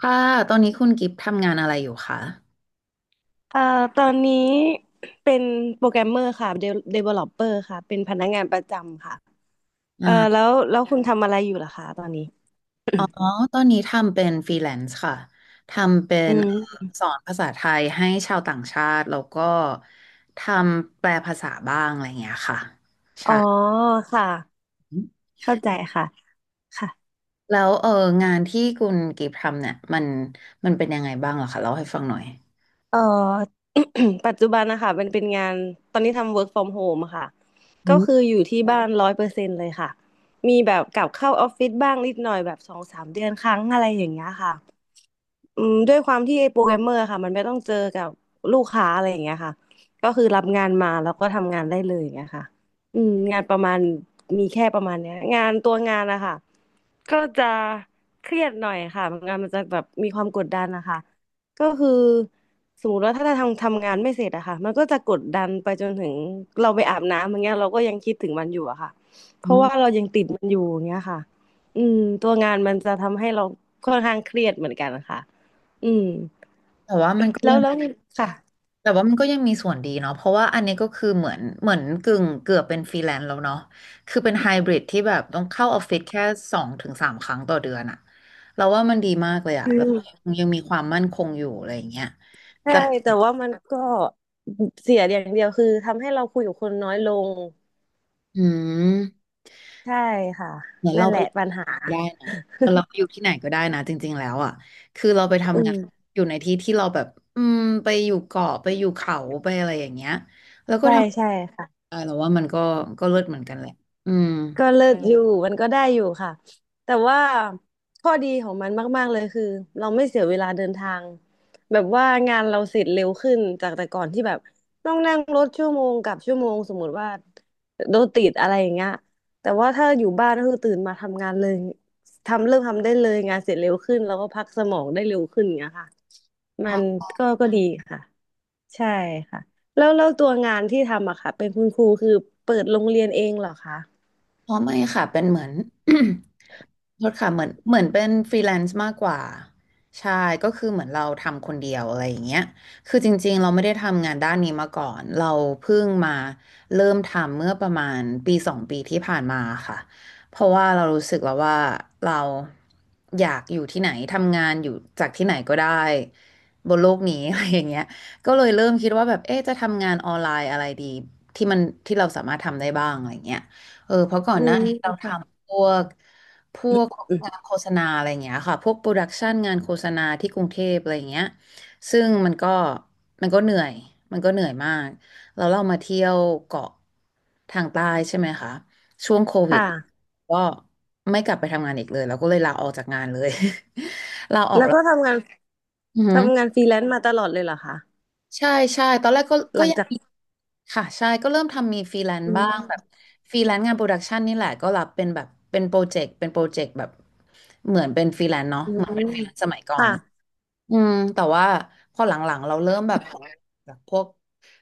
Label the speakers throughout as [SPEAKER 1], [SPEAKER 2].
[SPEAKER 1] ค่ะตอนนี้คุณกิฟต์ทำงานอะไรอยู่คะ
[SPEAKER 2] เอ่อตอนนี้เป็นโปรแกรมเมอร์ค่ะเดเวลลอปเปอร์ค่ะเป็นพนักงานประจำค่ะเอ่อแล้
[SPEAKER 1] อ่า
[SPEAKER 2] วแล้วคุณทำอะไรอยู่ล่ะคะตอนนี้
[SPEAKER 1] อ๋อ ตอนนี้ทำเป็นฟรีแลนซ์ค่ะ ทำเป็
[SPEAKER 2] อื
[SPEAKER 1] น
[SPEAKER 2] ม
[SPEAKER 1] สอนภาษาไทยให้ชาวต่างชาติ แล้วก็ทำแปลภาษาบ้างอะไรอย่างเงี้ยค่ะ
[SPEAKER 2] อ๋อค่ะเข้าใจค่ะค่ะ
[SPEAKER 1] แล้วงานที่คุณกิฟต์ทำเนี่ยมันเป็นยังไงบ้างเหรอคะเล่าให้ฟังหน่อย
[SPEAKER 2] เอ่อ ปัจจุบันนะคะเป็นงานตอนนี้ทำ work from home อะค่ะ
[SPEAKER 1] อื
[SPEAKER 2] ก็
[SPEAKER 1] ม
[SPEAKER 2] คืออยู่ที่บ้านร้อยเปอร์เซ็นต์เลยค่ะมีแบบกลับเข้าออฟฟิศบ้างนิดหน่อยแบบสองสามเดือนครั้งอะไรอย่างเงี้ยค่ะ อืมด้วยความที่ไอ้โปรแกรมเมอร์ค่ะมันไม่ต้องเจอกับลูกค้าอะไรอย่างเงี้ยค่ะก็คือรับงานมาแล้วก็ทำงานได้เลยอย่างเงี้ยค่ะอืมงานประมาณมีแค่ประมาณเนี้ยงานตัวงานนะคะก็จะเครียดหน่อยค่ะงานมันจะแบบมีความกดดันนะคะก็คือสมมติว่าถ้าเราทำงานไม่เสร็จอะค่ะมันก็จะกดดันไปจนถึงเราไปอาบน้ำอย่างเงี้ยเราก็ยังคิดถึงมันอยู่อะค่ะเพราะว่าเรายังติดมันอยู่อย่างเงี้ยค่ะอืมตัวงานมันจะทำให้เราค่อนข้างเครียดเหมือนกันค่ะ อืม
[SPEAKER 1] แต่ว่ามันก็
[SPEAKER 2] แล้
[SPEAKER 1] ยั
[SPEAKER 2] ว
[SPEAKER 1] ง
[SPEAKER 2] แล้วนีค่ะ
[SPEAKER 1] แต่ว่ามันก็ยังมีส่วนดีเนาะเพราะว่าอันนี้ก็คือเหมือนกึ่งเกือบเป็นฟรีแลนซ์แล้วเนาะคือเป็นไฮบริดที่แบบต้องเข้าออฟฟิศแค่สองถึงสามครั้งต่อเดือนอะเราว่ามันดีมากเลยอะ
[SPEAKER 2] อื
[SPEAKER 1] แล้วก็
[SPEAKER 2] ม
[SPEAKER 1] ยังมีความมั่นคงอยู่อะไรอย่างเงี้ย
[SPEAKER 2] ใช่
[SPEAKER 1] แต่
[SPEAKER 2] แต่ว่ามันก็เสียอย่างเดียวคือทำให้เราคุยกับคนน้อยลง
[SPEAKER 1] อืม
[SPEAKER 2] ใช่ค่ะ
[SPEAKER 1] เหมือน
[SPEAKER 2] นั่
[SPEAKER 1] เรา
[SPEAKER 2] นแห
[SPEAKER 1] ไป
[SPEAKER 2] ละปัญหา
[SPEAKER 1] ได้นะเราไปอยู่ที่ไหนก็ได้นะจริงๆแล้วอะคือเราไป
[SPEAKER 2] อื
[SPEAKER 1] ทำงา
[SPEAKER 2] ม
[SPEAKER 1] นอยู่ในที่ที่เราแบบอืมไปอยู่เกาะไปอยู่เขาไปอะไรอย่างเงี้ยแล้วก็
[SPEAKER 2] ใช่
[SPEAKER 1] ทำ
[SPEAKER 2] ใช่ค่ะ
[SPEAKER 1] ได้เราว่ามันก็เลิศเหมือนกันแหละอืม
[SPEAKER 2] ก็เลิศอศอยู่มมันก็ได้อยู่ค่ะแต่ว่าข้อดีของมันมากๆเลยคือเราไม่เสียเวลาเดินทางแบบว่างานเราเสร็จเร็วขึ้นจากแต่ก่อนที่แบบต้องนั่งรถชั่วโมงกับชั่วโมงสมมติว่าโดนติดอะไรอย่างเงี้ยแต่ว่าถ้าอยู่บ้านก็คือตื่นมาทำงานเลยทำเริ่มทำได้เลยงานเสร็จเร็วขึ้นแล้วก็พักสมองได้เร็วขึ้นอย่างเงี้ยค่ะมันก็ดีค่ะใช่ค่ะแล้วตัวงานที่ทำอะค่ะเป็นคุณครูคือเปิดโรงเรียนเองเหรอคะ
[SPEAKER 1] อ๋อไม่ค่ะเป็นเหมือน โทษค่ะเหมือนเป็นฟรีแลนซ์มากกว่าใช่ก็คือเหมือนเราทำคนเดียวอะไรอย่างเงี้ยคือจริงๆเราไม่ได้ทำงานด้านนี้มาก่อนเราเพิ่งมาเริ่มทำเมื่อประมาณปีสองปีที่ผ่านมาค่ะเพราะว่าเรารู้สึกแล้วว่าเราอยากอยู่ที่ไหนทำงานอยู่จากที่ไหนก็ได้บนโลกนี้ อะไรอย่างเงี้ยก็เลยเริ่มคิดว่าแบบเอ๊ะจะทำงานออนไลน์อะไรดีที่มันที่เราสามารถทำได้บ้างอะไรอย่างเงี้ย เออเพราะก่อ
[SPEAKER 2] อื
[SPEAKER 1] นหน้า
[SPEAKER 2] ม
[SPEAKER 1] นี้เราท
[SPEAKER 2] ค่ะ
[SPEAKER 1] ำพวก
[SPEAKER 2] อืม
[SPEAKER 1] งานโฆษณาอะไรอย่างเงี้ยค่ะพวกโปรดักชันงานโฆษณาที่กรุงเทพอะไรอย่างเงี้ยซึ่งมันก็เหนื่อยมันก็เหนื่อยมากเรามาเที่ยวเกาะทางใต้ใช่ไหมคะช่วงโควิด
[SPEAKER 2] ค่ะ
[SPEAKER 1] ก็ไม่กลับไปทำงานอีกเลยเราก็เลยลาออกจากงานเลย ลาออก
[SPEAKER 2] แล้ว
[SPEAKER 1] แล้ว
[SPEAKER 2] ก็ทำงาน
[SPEAKER 1] อือหือ
[SPEAKER 2] ทำงานฟรีแลนซ์มาตลอดเลยเหรอคะ
[SPEAKER 1] ใช่ใช่ตอนแรกก็
[SPEAKER 2] ห
[SPEAKER 1] ก็
[SPEAKER 2] ลัง
[SPEAKER 1] ยัง
[SPEAKER 2] จาก
[SPEAKER 1] ค่ะใช่ก็เริ่มทำมีฟรีแลน
[SPEAKER 2] อื
[SPEAKER 1] ซ์บ้างแบ
[SPEAKER 2] ม
[SPEAKER 1] บฟรีแลนซ์งานโปรดักชันนี่แหละก็รับเป็นแบบเป็นโปรเจกต์เป็นโปรเจกต์แบบเหมือนเป็นฟรีแลนซ์เนาะ
[SPEAKER 2] อื
[SPEAKER 1] เหมือนเป็
[SPEAKER 2] ม
[SPEAKER 1] น
[SPEAKER 2] ค่ะ
[SPEAKER 1] อืมแต่ว่าพอหลังๆเราเริ่มแบบพวก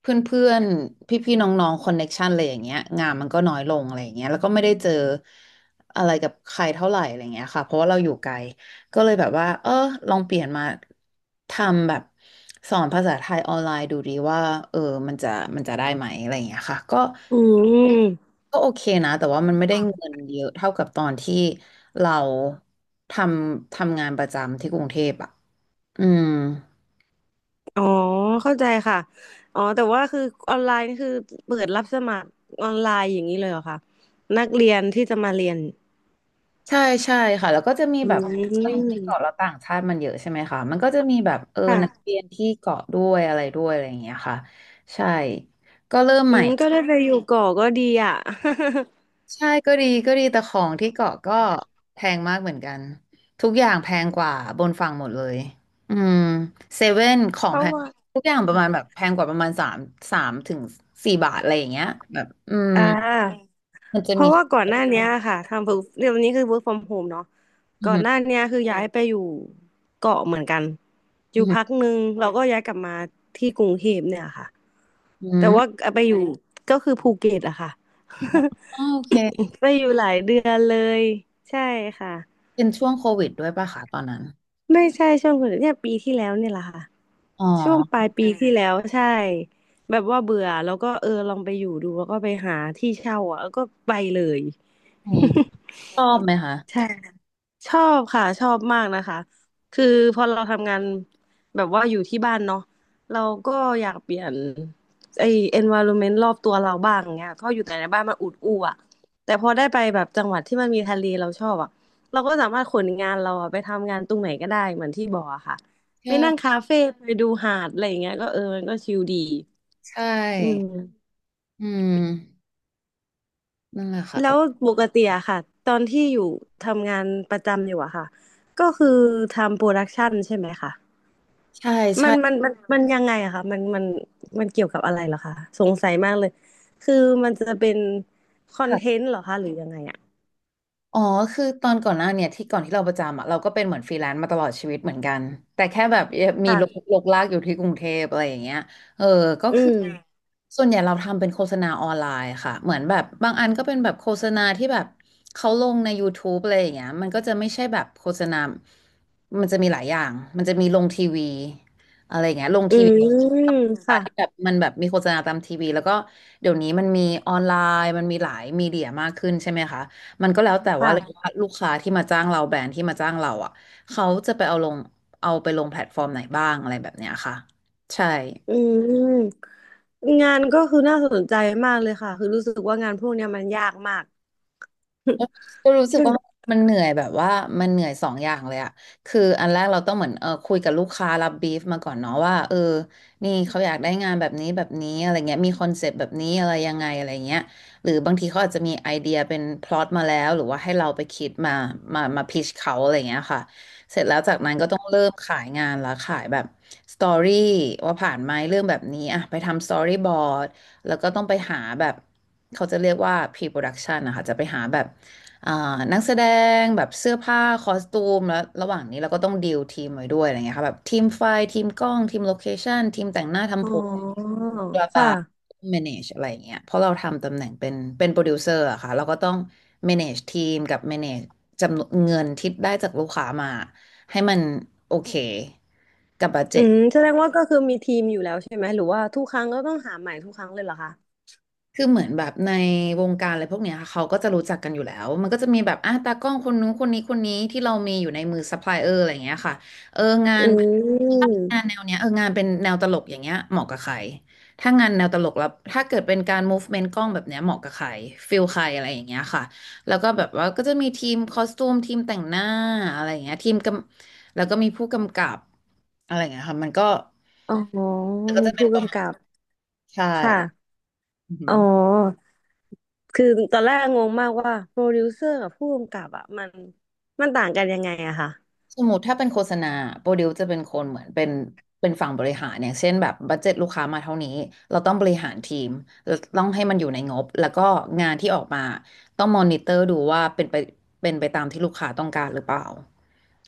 [SPEAKER 1] เพื่อนๆพี่ๆน้องๆคอนเน็กชันอะไรอย่างเงี้ยงานมันก็น้อยลงอะไรอย่างเงี้ยแล้วก็ไม่ได้เจออะไรกับใครเท่าไหร่อะไรอย่างเงี้ยค่ะเพราะว่าเราอยู่ไกลก็เลยแบบว่าเออลองเปลี่ยนมาทำแบบสอนภาษาไทยออนไลน์ดูดีว่าเออมันจะมันจะได้ไหมอะไรอย่างเงี้ยค่ะก็
[SPEAKER 2] อืม
[SPEAKER 1] ก็โอเคนะแต่ว่ามันไม่ได้เงินเยอะเท่ากับตอนที่เราททำงานประจำที่กรุงเทพอ่ะอืม
[SPEAKER 2] อ๋อเข้าใจค่ะอ๋อแต่ว่าคือออนไลน์นี่คือเปิดรับสมัครออนไลน์อย่างนี้เลยเหรอคะนักเรียนที่จะมาเรียน
[SPEAKER 1] ใช่ใช่ค่ะแล้วก็จะมี
[SPEAKER 2] อื
[SPEAKER 1] แบบเราอยู่ที่เกาะแล้
[SPEAKER 2] ม
[SPEAKER 1] วต่างชาติมันเยอะใช่ไหมคะมันก็จะมีแบบเออ
[SPEAKER 2] ค่ะ
[SPEAKER 1] นักเรียนที่เกาะด้วยอะไรด้วยอะไรอย่างเงี้ยค่ะใช่ก็เริ่ม
[SPEAKER 2] อื
[SPEAKER 1] ใหม่
[SPEAKER 2] มก็ได้ไปอยู่ก่อก็ดีอ่ะ
[SPEAKER 1] ใช่ก็ดีก็ดีแต่ของที่เกาะก็แพงมากเหมือนกันทุกอย่างแพงกว่าบนฝั่งหมดเลยอืมเซเว่นของแพงทุกอย่างประมาณแบบแพงกว่าประมาณสามถึงสี่บาทอะไรอย่างเงี้ยแบบอืม
[SPEAKER 2] อ่า
[SPEAKER 1] มันจะ
[SPEAKER 2] เพ
[SPEAKER 1] มี
[SPEAKER 2] ราะว่าก่อนหน้านี้ค่ะทำ work เดี๋ยวนี้คือ work from home เนอะ
[SPEAKER 1] อื
[SPEAKER 2] ก่อนหน้า
[SPEAKER 1] ม
[SPEAKER 2] เนี้ยคือย้ายไปอยู่เกาะเหมือนกันอ
[SPEAKER 1] อ
[SPEAKER 2] ยู่
[SPEAKER 1] หื
[SPEAKER 2] พัก
[SPEAKER 1] ม
[SPEAKER 2] หนึ่งเราก็ย้ายกลับมาที่กรุงเทพเนี่ยค่ะ
[SPEAKER 1] ออื
[SPEAKER 2] แต่
[SPEAKER 1] ม
[SPEAKER 2] ว่าไปอยู่ก็คือภูเก็ตอะค่ะ
[SPEAKER 1] อ๋อโอเค
[SPEAKER 2] ไปอยู่หลายเดือนเลยใช่ค่ะ
[SPEAKER 1] เป็นช่วงโควิดด้วยป่ะคะตอนนั้น
[SPEAKER 2] ไม่ใช่ช่วงโคุณเนี่ยปีที่แล้วเนี่ยแหละค่ะ
[SPEAKER 1] อ๋
[SPEAKER 2] ช่วงป
[SPEAKER 1] อ
[SPEAKER 2] ลายปีาที่แล้วใช่แบบว่าเบื่อแล้วก็เออลองไปอยู่ดูแล้วก็ไปหาที่เช่าอ่ะแล้วก็ไปเลย
[SPEAKER 1] อืมชอบไหมคะ
[SPEAKER 2] ใช่ ชอบค่ะชอบมากนะคะคือพอเราทำงานแบบว่าอยู่ที่บ้านเนาะเราก็อยากเปลี่ยนไอ้ environment รอบตัวเราบ้างเงี้ยเพราะอยู่แต่ในบ้านมันอุดอู้อะแต่พอได้ไปแบบจังหวัดที่มันมีทะเลเราชอบอะเราก็สามารถขนงานเราอะไปทำงานตรงไหนก็ได้เหมือนที่บอกอะค่ะไปนั่ง
[SPEAKER 1] ใช่
[SPEAKER 2] คาเฟ่ไปดูหาดอะไรอย่างเงี้ยก็เออมันก็ชิลดี
[SPEAKER 1] ใช่
[SPEAKER 2] อืม
[SPEAKER 1] อืมนั่นแหละค่ะ
[SPEAKER 2] แล้วปกติอะค่ะตอนที่อยู่ทำงานประจำอยู่อะค่ะก็คือทำโปรดักชันใช่ไหมคะ
[SPEAKER 1] ใช่
[SPEAKER 2] มั
[SPEAKER 1] ใช่
[SPEAKER 2] นมันมันมันยังไงอะคะมันเกี่ยวกับอะไรเหรอคะ สงสัยมากเลย คือมันจะเป็นคอนเทนต์เหรอคะหรือยังไงอะ
[SPEAKER 1] อ๋อคือตอนก่อนหน้าเนี่ยก่อนที่เราประจำอ่ะเราก็เป็นเหมือนฟรีแลนซ์มาตลอดชีวิตเหมือนกันแต่แค่แบบมี
[SPEAKER 2] ค่ะ
[SPEAKER 1] ลากอยู่ที่กรุงเทพอะไรอย่างเงี้ยเออก็
[SPEAKER 2] อื
[SPEAKER 1] คือ
[SPEAKER 2] ม
[SPEAKER 1] ส่วนใหญ่เราทำเป็นโฆษณาออนไลน์ค่ะเหมือนแบบบางอันก็เป็นแบบโฆษณาที่แบบเขาลงใน YouTube อะไรอย่างเงี้ยมันก็จะไม่ใช่แบบโฆษณามันจะมีหลายอย่างมันจะมีลงทีวีอะไรอย่างเงี้ยลง
[SPEAKER 2] อื
[SPEAKER 1] ทีวี
[SPEAKER 2] ม
[SPEAKER 1] ่
[SPEAKER 2] ค่ะ
[SPEAKER 1] ที่แบบมีโฆษณาตามทีวีแล้วก็เดี๋ยวนี้มันมีออนไลน์มันมีหลายมีเดียมากขึ้นใช่ไหมคะ มันก็แล้วแต่ว่าเลย
[SPEAKER 2] ค่ะ
[SPEAKER 1] ว่าลูกค้าที่มาจ้างเราแบรนด์ที่มาจ้างเราอ่ะเขาจะไปเอาลงเอาไปลงแพลตฟอร์มไหนบ้างอะไรแบบเนี้ยค่ะใช่
[SPEAKER 2] อืมงานก็คือน่าสนใจมากเลยค่ะ คือรู้สึกว่างานพวกเนี้ยมันยากมาก
[SPEAKER 1] ก็รู้สึ
[SPEAKER 2] ใช่
[SPEAKER 1] ก
[SPEAKER 2] ไหม
[SPEAKER 1] ว่ามันเหนื่อยแบบว่ามันเหนื่อยสองอย่างเลยอะคืออันแรกเราต้องเหมือนคุยกับลูกค้ารับบีฟมาก่อนเนาะว่านี่เขาอยากได้งานแบบนี้แบบนี้อะไรเงี้ยมีคอนเซปต์แบบนี้อะไรยังไงอะไรเงี้ยหรือบางทีเขาอาจจะมีไอเดียเป็นพล็อตมาแล้วหรือว่าให้เราไปคิดมาพิชเขาอะไรเงี้ยค่ะเสร็จแล้วจากนั้นก็ต้องเริ่มขายงานละขายแบบสตอรี่ว่าผ่านไหมเรื่องแบบนี้อะไปทำสตอรี่บอร์ดแล้วก็ต้องไปหาแบบเขาจะเรียกว่า pre-production นะคะจะไปหาแบบ อ่านักแสดงแบบเสื้อผ้าคอสตูมแล้วระหว่างนี้เราก็ต้องดีลทีมไว้ด้วยอะไรเงี้ยค่ะแบบทีมไฟทีมกล้องทีมโลเคชั่นทีมแต่งหน้า
[SPEAKER 2] อ๋
[SPEAKER 1] ทำผม
[SPEAKER 2] อ
[SPEAKER 1] บลาบลา
[SPEAKER 2] ค่ะ
[SPEAKER 1] manage อะไรเงี้ยเพราะเราทำตำแหน่งเป็นโปรดิวเซอร์อะค่ะเราก็ต้อง manage ทีมกับ manage จำนวนเงินที่ได้จากลูกค้ามาให้มันโอเคกับบัด
[SPEAKER 2] อื
[SPEAKER 1] เจ็ต
[SPEAKER 2] มแสดงว่าก็คือมีทีมอยู่แล้วใช่ไหม หรือว่าทุกครั้งก็ต้องหาใหม่ทุกครั้งเลยเหรอคะ
[SPEAKER 1] คือเหมือนแบบในวงการอะไรพวกเนี้ยค่ะเขาก็จะรู้จักกันอยู่แล้วมันก็จะมีแบบอ่ะตากล้องคนนู้นคนนี้ที่เรามีอยู่ในมือซัพพลายเออร์อะไรอย่างเงี้ยค่ะเอองา
[SPEAKER 2] อื
[SPEAKER 1] นงาน
[SPEAKER 2] ม
[SPEAKER 1] แนวเนี้ยเอองานเป็นแนวตลกอย่างเงี้ยเหมาะกับใครถ้างานแนวตลกแล้วถ้าเกิดเป็นการ m ูฟเมนต์กล้องแบบเนี้ยเหมาะกับใครฟิลใครอะไรอย่างเงี้ยค่ะแล้วก็แบบว่าก็จะมีทีมคอสตูมทีมแต่งหน้าอะไรอย่างเงี้ยทีมกำแล้วก็มีผู้กำกับอะไรอย่างเงี้ยค่ะมันก็
[SPEAKER 2] อ๋อ
[SPEAKER 1] ก็
[SPEAKER 2] มี
[SPEAKER 1] จะเป็น
[SPEAKER 2] ผู้
[SPEAKER 1] ประมา
[SPEAKER 2] กำ
[SPEAKER 1] ณ
[SPEAKER 2] กับ
[SPEAKER 1] ใช่
[SPEAKER 2] ค่ะ
[SPEAKER 1] อือหื
[SPEAKER 2] อ๋
[SPEAKER 1] อ
[SPEAKER 2] อ คือตอนแรกงงมากว่าโปรดิวเซอร์กับผู้กำกับอ่ะมันต่างกันยังไงอะค่ะ
[SPEAKER 1] สมมติถ้าเป็นโฆษณาโปรดิวจะเป็นคนเหมือนเป็นฝั่งบริหารอย่างเช่นแบบบัดเจ็ตลูกค้ามาเท่านี้เราต้องบริหารทีมเราต้องให้มันอยู่ในงบแล้วก็งานที่ออกมาต้องมอนิเตอร์ดูว่าเป็นไปตามที่ลูกค้าต้องการหรือเปล่า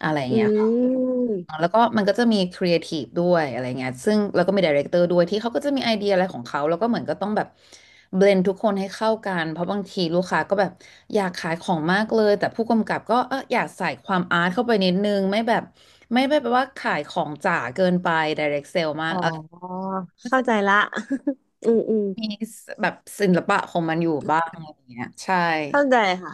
[SPEAKER 1] อะไรอย่าง
[SPEAKER 2] อื
[SPEAKER 1] เงี้ยค่ะ
[SPEAKER 2] ม
[SPEAKER 1] แล้วก็มันก็จะมีครีเอทีฟด้วยอะไรเงี้ยซึ่งแล้วก็มีไดเรคเตอร์ด้วยที่เขาก็จะมีไอเดียอะไรของเขาแล้วก็เหมือนก็ต้องแบบเบลนทุกคนให้เข้ากันเพราะบางทีลูกค้าก็แบบอยากขายของมากเลยแต่ผู้กำกับก็อยากใส่ความอาร์ตเข้าไปนิดนึงไม่แบบไม่ได้แบบว่าขายของจ๋าเกินไปไดเรคเซลมาก
[SPEAKER 2] อ๋อ
[SPEAKER 1] ก็จะ
[SPEAKER 2] เข้า
[SPEAKER 1] ม
[SPEAKER 2] ใจละ อืมอืม
[SPEAKER 1] ีแบบศิลปะของมันอยู่บ้างอะไรเงี้ยใช่
[SPEAKER 2] เข้าใจค่ะ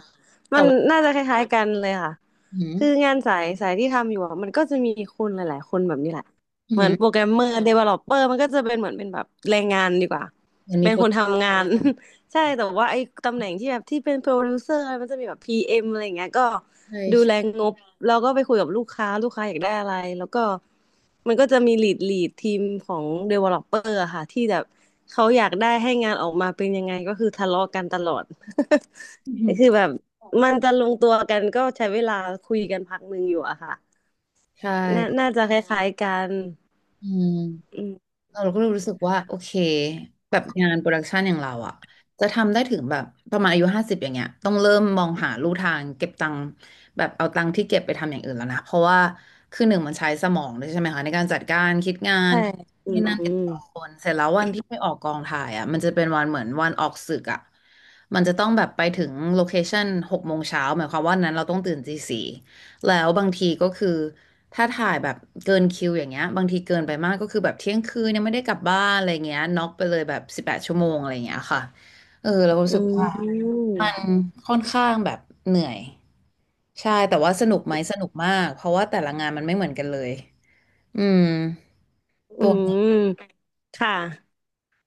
[SPEAKER 1] แต่
[SPEAKER 2] มัน
[SPEAKER 1] ว่า
[SPEAKER 2] น่าจะคล้ายๆกันเลยค่ะ
[SPEAKER 1] อืม
[SPEAKER 2] คืองานสายสายที่ทำอยู่อะมันก็จะมีคนหลายๆคนแบบนี้แหละ
[SPEAKER 1] อื
[SPEAKER 2] เหมือนโปรแก
[SPEAKER 1] ม
[SPEAKER 2] รมเมอร์เดเวลลอปเปอร์มันก็จะเป็นเหมือนเป็นแบบแรงงานดีกว่า
[SPEAKER 1] มันมี
[SPEAKER 2] เป็น
[SPEAKER 1] โปร
[SPEAKER 2] คน
[SPEAKER 1] เจกต์
[SPEAKER 2] ทำงาน ใช่แต่ว่าไอ้ตำแหน่งที่แบบที่เป็นโปรดิวเซอร์มันจะมีแบบพีเอ็มอะไรอย่างเงี้ยก็
[SPEAKER 1] ใช่
[SPEAKER 2] ดู
[SPEAKER 1] ใช่
[SPEAKER 2] แลงบแล้วก็ไปคุยกับลูกค้าลูกค้าอยากได้อะไรแล้วก็มันก็จะมีลีดทีมของเดเวลลอปเปอร์ค่ะที่แบบเขาอยากได้ให้งานออกมาเป็นยังไงก็คือทะเลาะกันตลอด คือแบบมันจะลงตัวกันก็ใช้เวลาคุยกันพักหนึ่งอยู่อะค่ะ
[SPEAKER 1] ใช่
[SPEAKER 2] น่าน่าจะคล้ายๆกัน
[SPEAKER 1] อืม
[SPEAKER 2] อืม
[SPEAKER 1] เราก็รู้สึกว่าโอเคแบบงานโปรดักชันอย่างเราอะจะทำได้ถึงแบบประมาณอายุ50อย่างเงี้ยต้องเริ่มมองหาลู่ทางเก็บตังค์แบบเอาตังค์ที่เก็บไปทำอย่างอื่นแล้วนะเพราะว่าคือหนึ่งมันใช้สมองด้วยใช่ไหมคะในการจัดการคิดงาน
[SPEAKER 2] ใช่อื
[SPEAKER 1] นี่นั่นติด
[SPEAKER 2] ม
[SPEAKER 1] ต่อคนเสร็จแล้ววันที่ไปออกกองถ่ายอะมันจะเป็นวันเหมือนวันออกสึกอะมันจะต้องแบบไปถึงโลเคชั่น6 โมงเช้าหมายความว่านั้นเราต้องตื่นตี 4 แล้วบางทีก็คือถ้าถ่ายแบบเกินคิวอย่างเงี้ยบางทีเกินไปมากก็คือแบบเที่ยงคืนยังไม่ได้กลับบ้านอะไรเงี้ยน็อกไปเลยแบบ18 ชั่วโมงอะไรเงี้ยค่ะเออเรารู้
[SPEAKER 2] อื
[SPEAKER 1] สึก
[SPEAKER 2] ม
[SPEAKER 1] ว่า
[SPEAKER 2] อืม
[SPEAKER 1] มันค่อนข้างแบบเหนื่อยใช่แต่ว่าสนุกไหมสนุกมากเพราะว่าแต่ละงานมันไม่เหมือนกันเลยอืม
[SPEAKER 2] อื
[SPEAKER 1] ตัวนี้
[SPEAKER 2] มค่ะ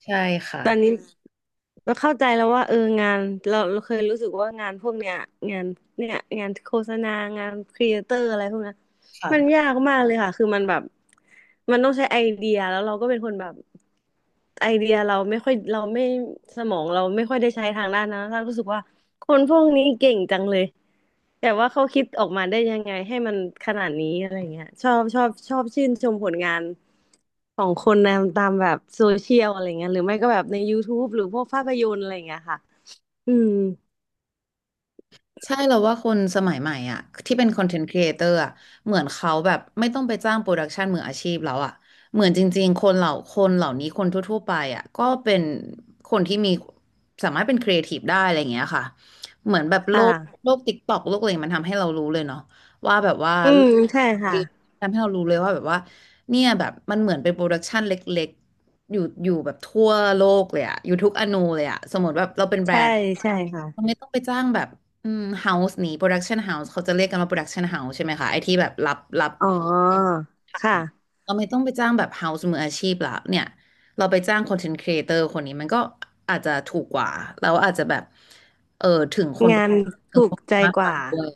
[SPEAKER 1] ใช่ค่ะ
[SPEAKER 2] ตอนนี้ เราเข้าใจแล้วว่าเอองานเราเคยรู้สึกว่างานพวกเนี้ยงานเนี่ยงานโฆษณางานครีเอเตอร์อะไรพวกเนี้ยมัน
[SPEAKER 1] ค่ะ
[SPEAKER 2] ยากมากเลยค่ะคือมันแบบมันต้องใช้ไอเดียแล้วเราก็เป็นคนแบบไอเดียเราไม่ค่อยเราไม่สมองเราไม่ค่อยได้ใช้ทางด้านนั้นเรารู้สึกว่าคนพวกนี้เก่งจังเลยแต่ว่าเขาคิดออกมาได้ยังไงให้มันขนาดนี้อะไรเงี้ยชอบชอบชอบชื่นชมผลงาน ของคนนะตามแบบโซเชียลอะไรเงี้ยหรือไม่ก็แบบใน YouTube หรือพวกภาพยนตร์อะไรเงี้ยค่ะ อืม
[SPEAKER 1] ใช่เราว่าคนสมัยใหม่อ่ะที่เป็นคอนเทนต์ครีเอเตอร์อ่ะเหมือนเขาแบบไม่ต้องไปจ้างโปรดักชันมืออาชีพแล้วอ่ะเหมือนจริงๆคนเหล่าคนเหล่านี้คนทั่วๆไปอ่ะก็เป็นคนที่มีสามารถเป็นครีเอทีฟได้อะไรอย่างเงี้ยค่ะเหมือนแบบโล
[SPEAKER 2] ค่ะ
[SPEAKER 1] กโลกติ๊กต็อกโลกอะไรมันทำให้เรารู้เลยเนาะว่าแบบว่า
[SPEAKER 2] อืมใช่
[SPEAKER 1] ท
[SPEAKER 2] ค่ะ
[SPEAKER 1] ำให้เรารู้เลยว่าแบบว่าเนี่ยแบบมันเหมือนเป็นโปรดักชันเล็กๆอยู่แบบทั่วโลกเลยอ่ะอยู่ทุกอนูเลยอ่ะสมมติแบบเราเป็นแบร
[SPEAKER 2] ใช่
[SPEAKER 1] นด์
[SPEAKER 2] ใช่
[SPEAKER 1] เรา
[SPEAKER 2] ค่ะ
[SPEAKER 1] ไม่ต้องไปจ้างแบบ อืมเฮาส์นี้โปรดักชันเฮาส์เขาจะเรียกกันว่าโปรดักชันเฮาส์ใช่ไหมคะไอที่แบบรับ
[SPEAKER 2] อ๋อ ค่ะ
[SPEAKER 1] เราไม่ต้องไปจ้างแบบเฮาส์มืออาชีพละเนี่ยเราไปจ้างคอนเทนต์ครีเอเตอร์คนนี้มันก็อาจจะถูกกว่าแล้วอาจจะแบบเออถึงคนดู
[SPEAKER 2] งาน
[SPEAKER 1] ถึง
[SPEAKER 2] ถู
[SPEAKER 1] ค
[SPEAKER 2] ก
[SPEAKER 1] นดู
[SPEAKER 2] ใจ
[SPEAKER 1] มาก
[SPEAKER 2] ก
[SPEAKER 1] ก
[SPEAKER 2] ว่า
[SPEAKER 1] ว่าด้วย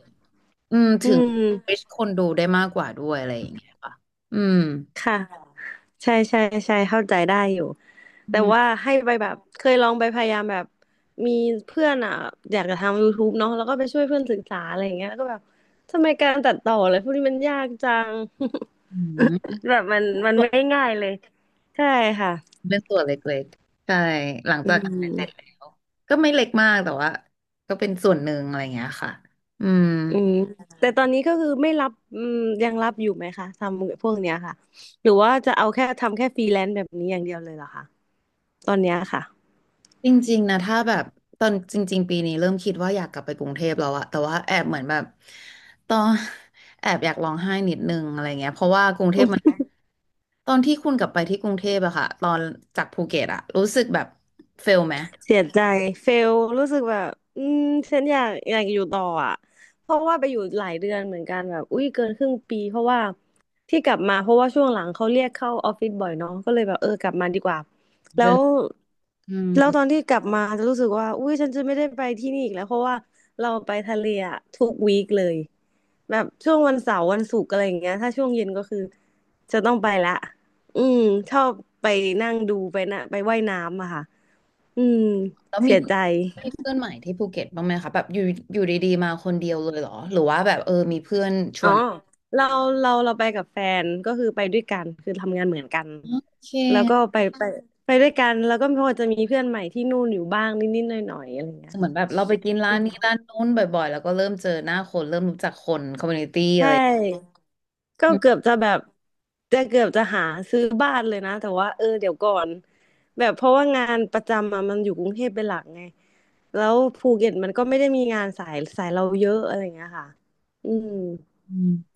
[SPEAKER 1] อืม
[SPEAKER 2] อื
[SPEAKER 1] ถึง
[SPEAKER 2] ม
[SPEAKER 1] reach คนดูได้มากกว่าด้วยอะไรอย่างเงี้ยค่ะอืม
[SPEAKER 2] ค่ะ ใช่ใช่ใช่เข้าใจได้อยู่
[SPEAKER 1] อื
[SPEAKER 2] แต่ว่า
[SPEAKER 1] ม
[SPEAKER 2] ให้ไปแบบเคยลองไปพยายามแบบมีเพื่อนอ่ะอยากจะทำ YouTube เนาะแล้วก็ไปช่วยเพื่อนศึกษาอะไรอย่างเงี้ยแล้วก็แบบทำไมการตัดต่ออะไรพวกนี้มันยากจัง
[SPEAKER 1] อืม
[SPEAKER 2] แบบมันไม่ง่ายเลยใช่ค่ะ
[SPEAKER 1] เป็นตัวเล็กๆใช่หลัง
[SPEAKER 2] อื
[SPEAKER 1] จากขายเสร็จแล้
[SPEAKER 2] ม
[SPEAKER 1] วก็ไม่เล็กมากแต่ว่าก็เป็นส่วนหนึ่งอะไรอย่างเงี้ยค่ะอืม
[SPEAKER 2] อืมแต่ตอนนี้ก็คือไม่รับอืมยังรับอยู่ไหมคะทำพวกเนี้ยค่ะหรือว่าจะเอาแค่ทำแค่ฟรีแลนซ์แบบนี้อย่างเดียวเลยเหรอคะตอนเนี้ยค่ะ
[SPEAKER 1] จริงๆนะถ้าแบบตอนจริงๆปีนี้เริ่มคิดว่าอยากกลับไปกรุงเทพแล้วอะแต่ว่าแอบเหมือนแบบตอน แอบอยากร้องไห้นิดนึงอะไรเงี้ยเพราะว่ากรุงเทพมันตอนที่คุณกลับไปที่กรุงเทพอะค่ะตอนจากภูเก็ตอะรู้สึกแบบเฟลไหม
[SPEAKER 2] เสียใจเฟลรู้สึกแบบอืมฉันอยากอยู่ต่ออ่ะเพราะว่าไปอยู่หลายเดือนเหมือนกันแบบอุ้ยเกินครึ่งปีเพราะว่าที่กลับมาเพราะว่าช่วงหลังเขาเรียกเข้าออฟฟิศบ่อยเนาะก็เลยแบบเออกลับมาดีกว่าแล้
[SPEAKER 1] เดิน
[SPEAKER 2] ว
[SPEAKER 1] อื
[SPEAKER 2] แล้ว
[SPEAKER 1] ม
[SPEAKER 2] ตอนที่กลับมาจะรู้สึกว่าอุ้ยฉันจะไม่ได้ไปที่นี่อีกแล้วเพราะว่าเราไปทะเลอะทุกวีคเลยแบบช่วงวันเสาร์วันศุกร์อะไรอย่างเงี้ยถ้าช่วงเย็นก็คือจะต้องไปละอืมชอบไปนั่งดูไปนะไปว่ายน้ำอะค่ะ อืม
[SPEAKER 1] แล้วมี
[SPEAKER 2] เสีย
[SPEAKER 1] เพื่
[SPEAKER 2] ใจ
[SPEAKER 1] อนมีเพื่อนใหม่ที่ภูเก็ตบ้างไหมคะแบบอยู่อยู่ดีๆมาคนเดียวเลยเหรอหรือว่าแบบมีเพื่อนช
[SPEAKER 2] อ๋
[SPEAKER 1] ว
[SPEAKER 2] อ
[SPEAKER 1] น
[SPEAKER 2] เราเราไปกับแฟนก็คือไปด้วยกันคือทำงานเหมือนกัน
[SPEAKER 1] อ๋อโอเค
[SPEAKER 2] แล้วก็ไปไปด้วยกันแล้วก็พอจะมีเพื่อนใหม่ที่นู่นอยู่บ้างนิดๆหน่อยๆอะไรอย่างเงี้ย
[SPEAKER 1] เหมือ
[SPEAKER 2] ค่ะ
[SPEAKER 1] นแบบเราไปกินร้า
[SPEAKER 2] อื
[SPEAKER 1] น
[SPEAKER 2] ม
[SPEAKER 1] นี้ร้านนู้นบ่อยๆแล้วก็เริ่มเจอหน้าคนเริ่มรู้จักคนคอมมูนิตี้อะ
[SPEAKER 2] ใช่
[SPEAKER 1] ไรอ
[SPEAKER 2] ก็เกือบจะแบบจะเกือบจะหาซื้อบ้านเลยนะแต่ว่าเออเดี๋ยวก่อนแบบเพราะว่างานประจำอะมันอยู่กรุงเทพเป็นหลักไงแล้วภูเก็ตมันก็ไม่ได้มีงานสายสายเราเยอะอะไรอย่างเงี้ยค่ะอืม
[SPEAKER 1] ืม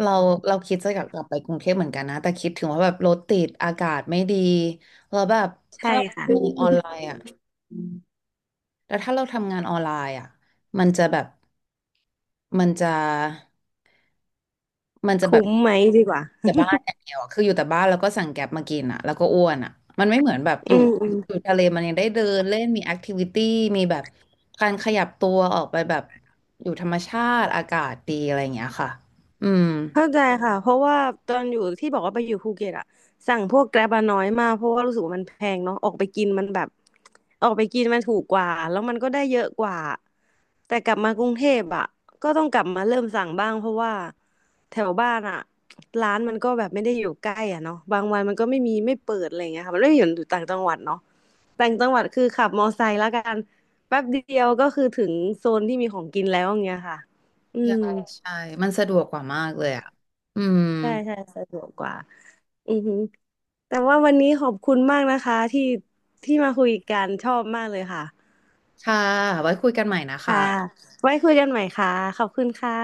[SPEAKER 1] เราเราคิดจะอยากกลับไปกรุงเทพเหมือนกันนะแต่คิดถึงว่าแบบรถติดอากาศไม่ดีแล้วแบบถ้า
[SPEAKER 2] ใช่
[SPEAKER 1] เรา
[SPEAKER 2] ค่ะ
[SPEAKER 1] ทำงานออนไลน์อ่ะแล้วถ้าเราทำงานออนไลน์อ่ะมันจะแบบมันจะมันจะแบบ
[SPEAKER 2] คุ้มไหมดีกว่า
[SPEAKER 1] แต่บ้านอย่างเดียวอะคืออยู่แต่บ้านแล้วก็สั่งแก๊บมากินอ่ะแล้วก็อ้วนอ่ะมันไม่เหมือนแบบอ
[SPEAKER 2] อื
[SPEAKER 1] ยู่
[SPEAKER 2] มอืม
[SPEAKER 1] อยู่ทะเลมันยังได้เดินเล่นมีแอคทิวิตี้มีแบบการขยับตัวออกไปแบบอยู่ธรรมชาติอากาศดีอะไรอย่างเงี้ยค่ะอืม
[SPEAKER 2] เข้าใจค่ะเพราะว่าตอนอยู่ที่บอกว่าไปอยู่ภูเก็ตอะสั่งพวกแกร็บอะน้อยมากเพราะว่ารู้สึกว่ามันแพงเนาะออกไปกินมันแบบออกไปกินมันถูกกว่าแล้วมันก็ได้เยอะกว่าแต่กลับมากรุงเทพอะก็ต้องกลับมาเริ่มสั่งบ้างเพราะว่าแถวบ้านอะร้านมันก็แบบไม่ได้อยู่ใกล้อะเนาะบางวันมันก็ไม่มีไม่เปิดอะไรอย่างเงี้ยค่ะมันไม่ได้อยู่ต่างจังหวัดเนาะต่างจังหวัดคือขับมอไซค์แล้วกันแป๊บเดียวก็คือถึงโซนที่มีของกินแล้วอย่างเงี้ยค่ะอื
[SPEAKER 1] ใช่
[SPEAKER 2] ม
[SPEAKER 1] ใช่มันสะดวกกว่ามากเลยอ่ะอืม
[SPEAKER 2] ใช่ใช่สะดวกกว่าอือฮึแต่ว่าวันนี้ขอบคุณมากนะคะที่ที่มาคุยกันชอบมากเลยค่ะ
[SPEAKER 1] ค่ะไว้คุยกันใหม่นะ
[SPEAKER 2] ค่ะ
[SPEAKER 1] คะ
[SPEAKER 2] ไว้คุยกันใหม่ค่ะ ขอบคุณค่ะ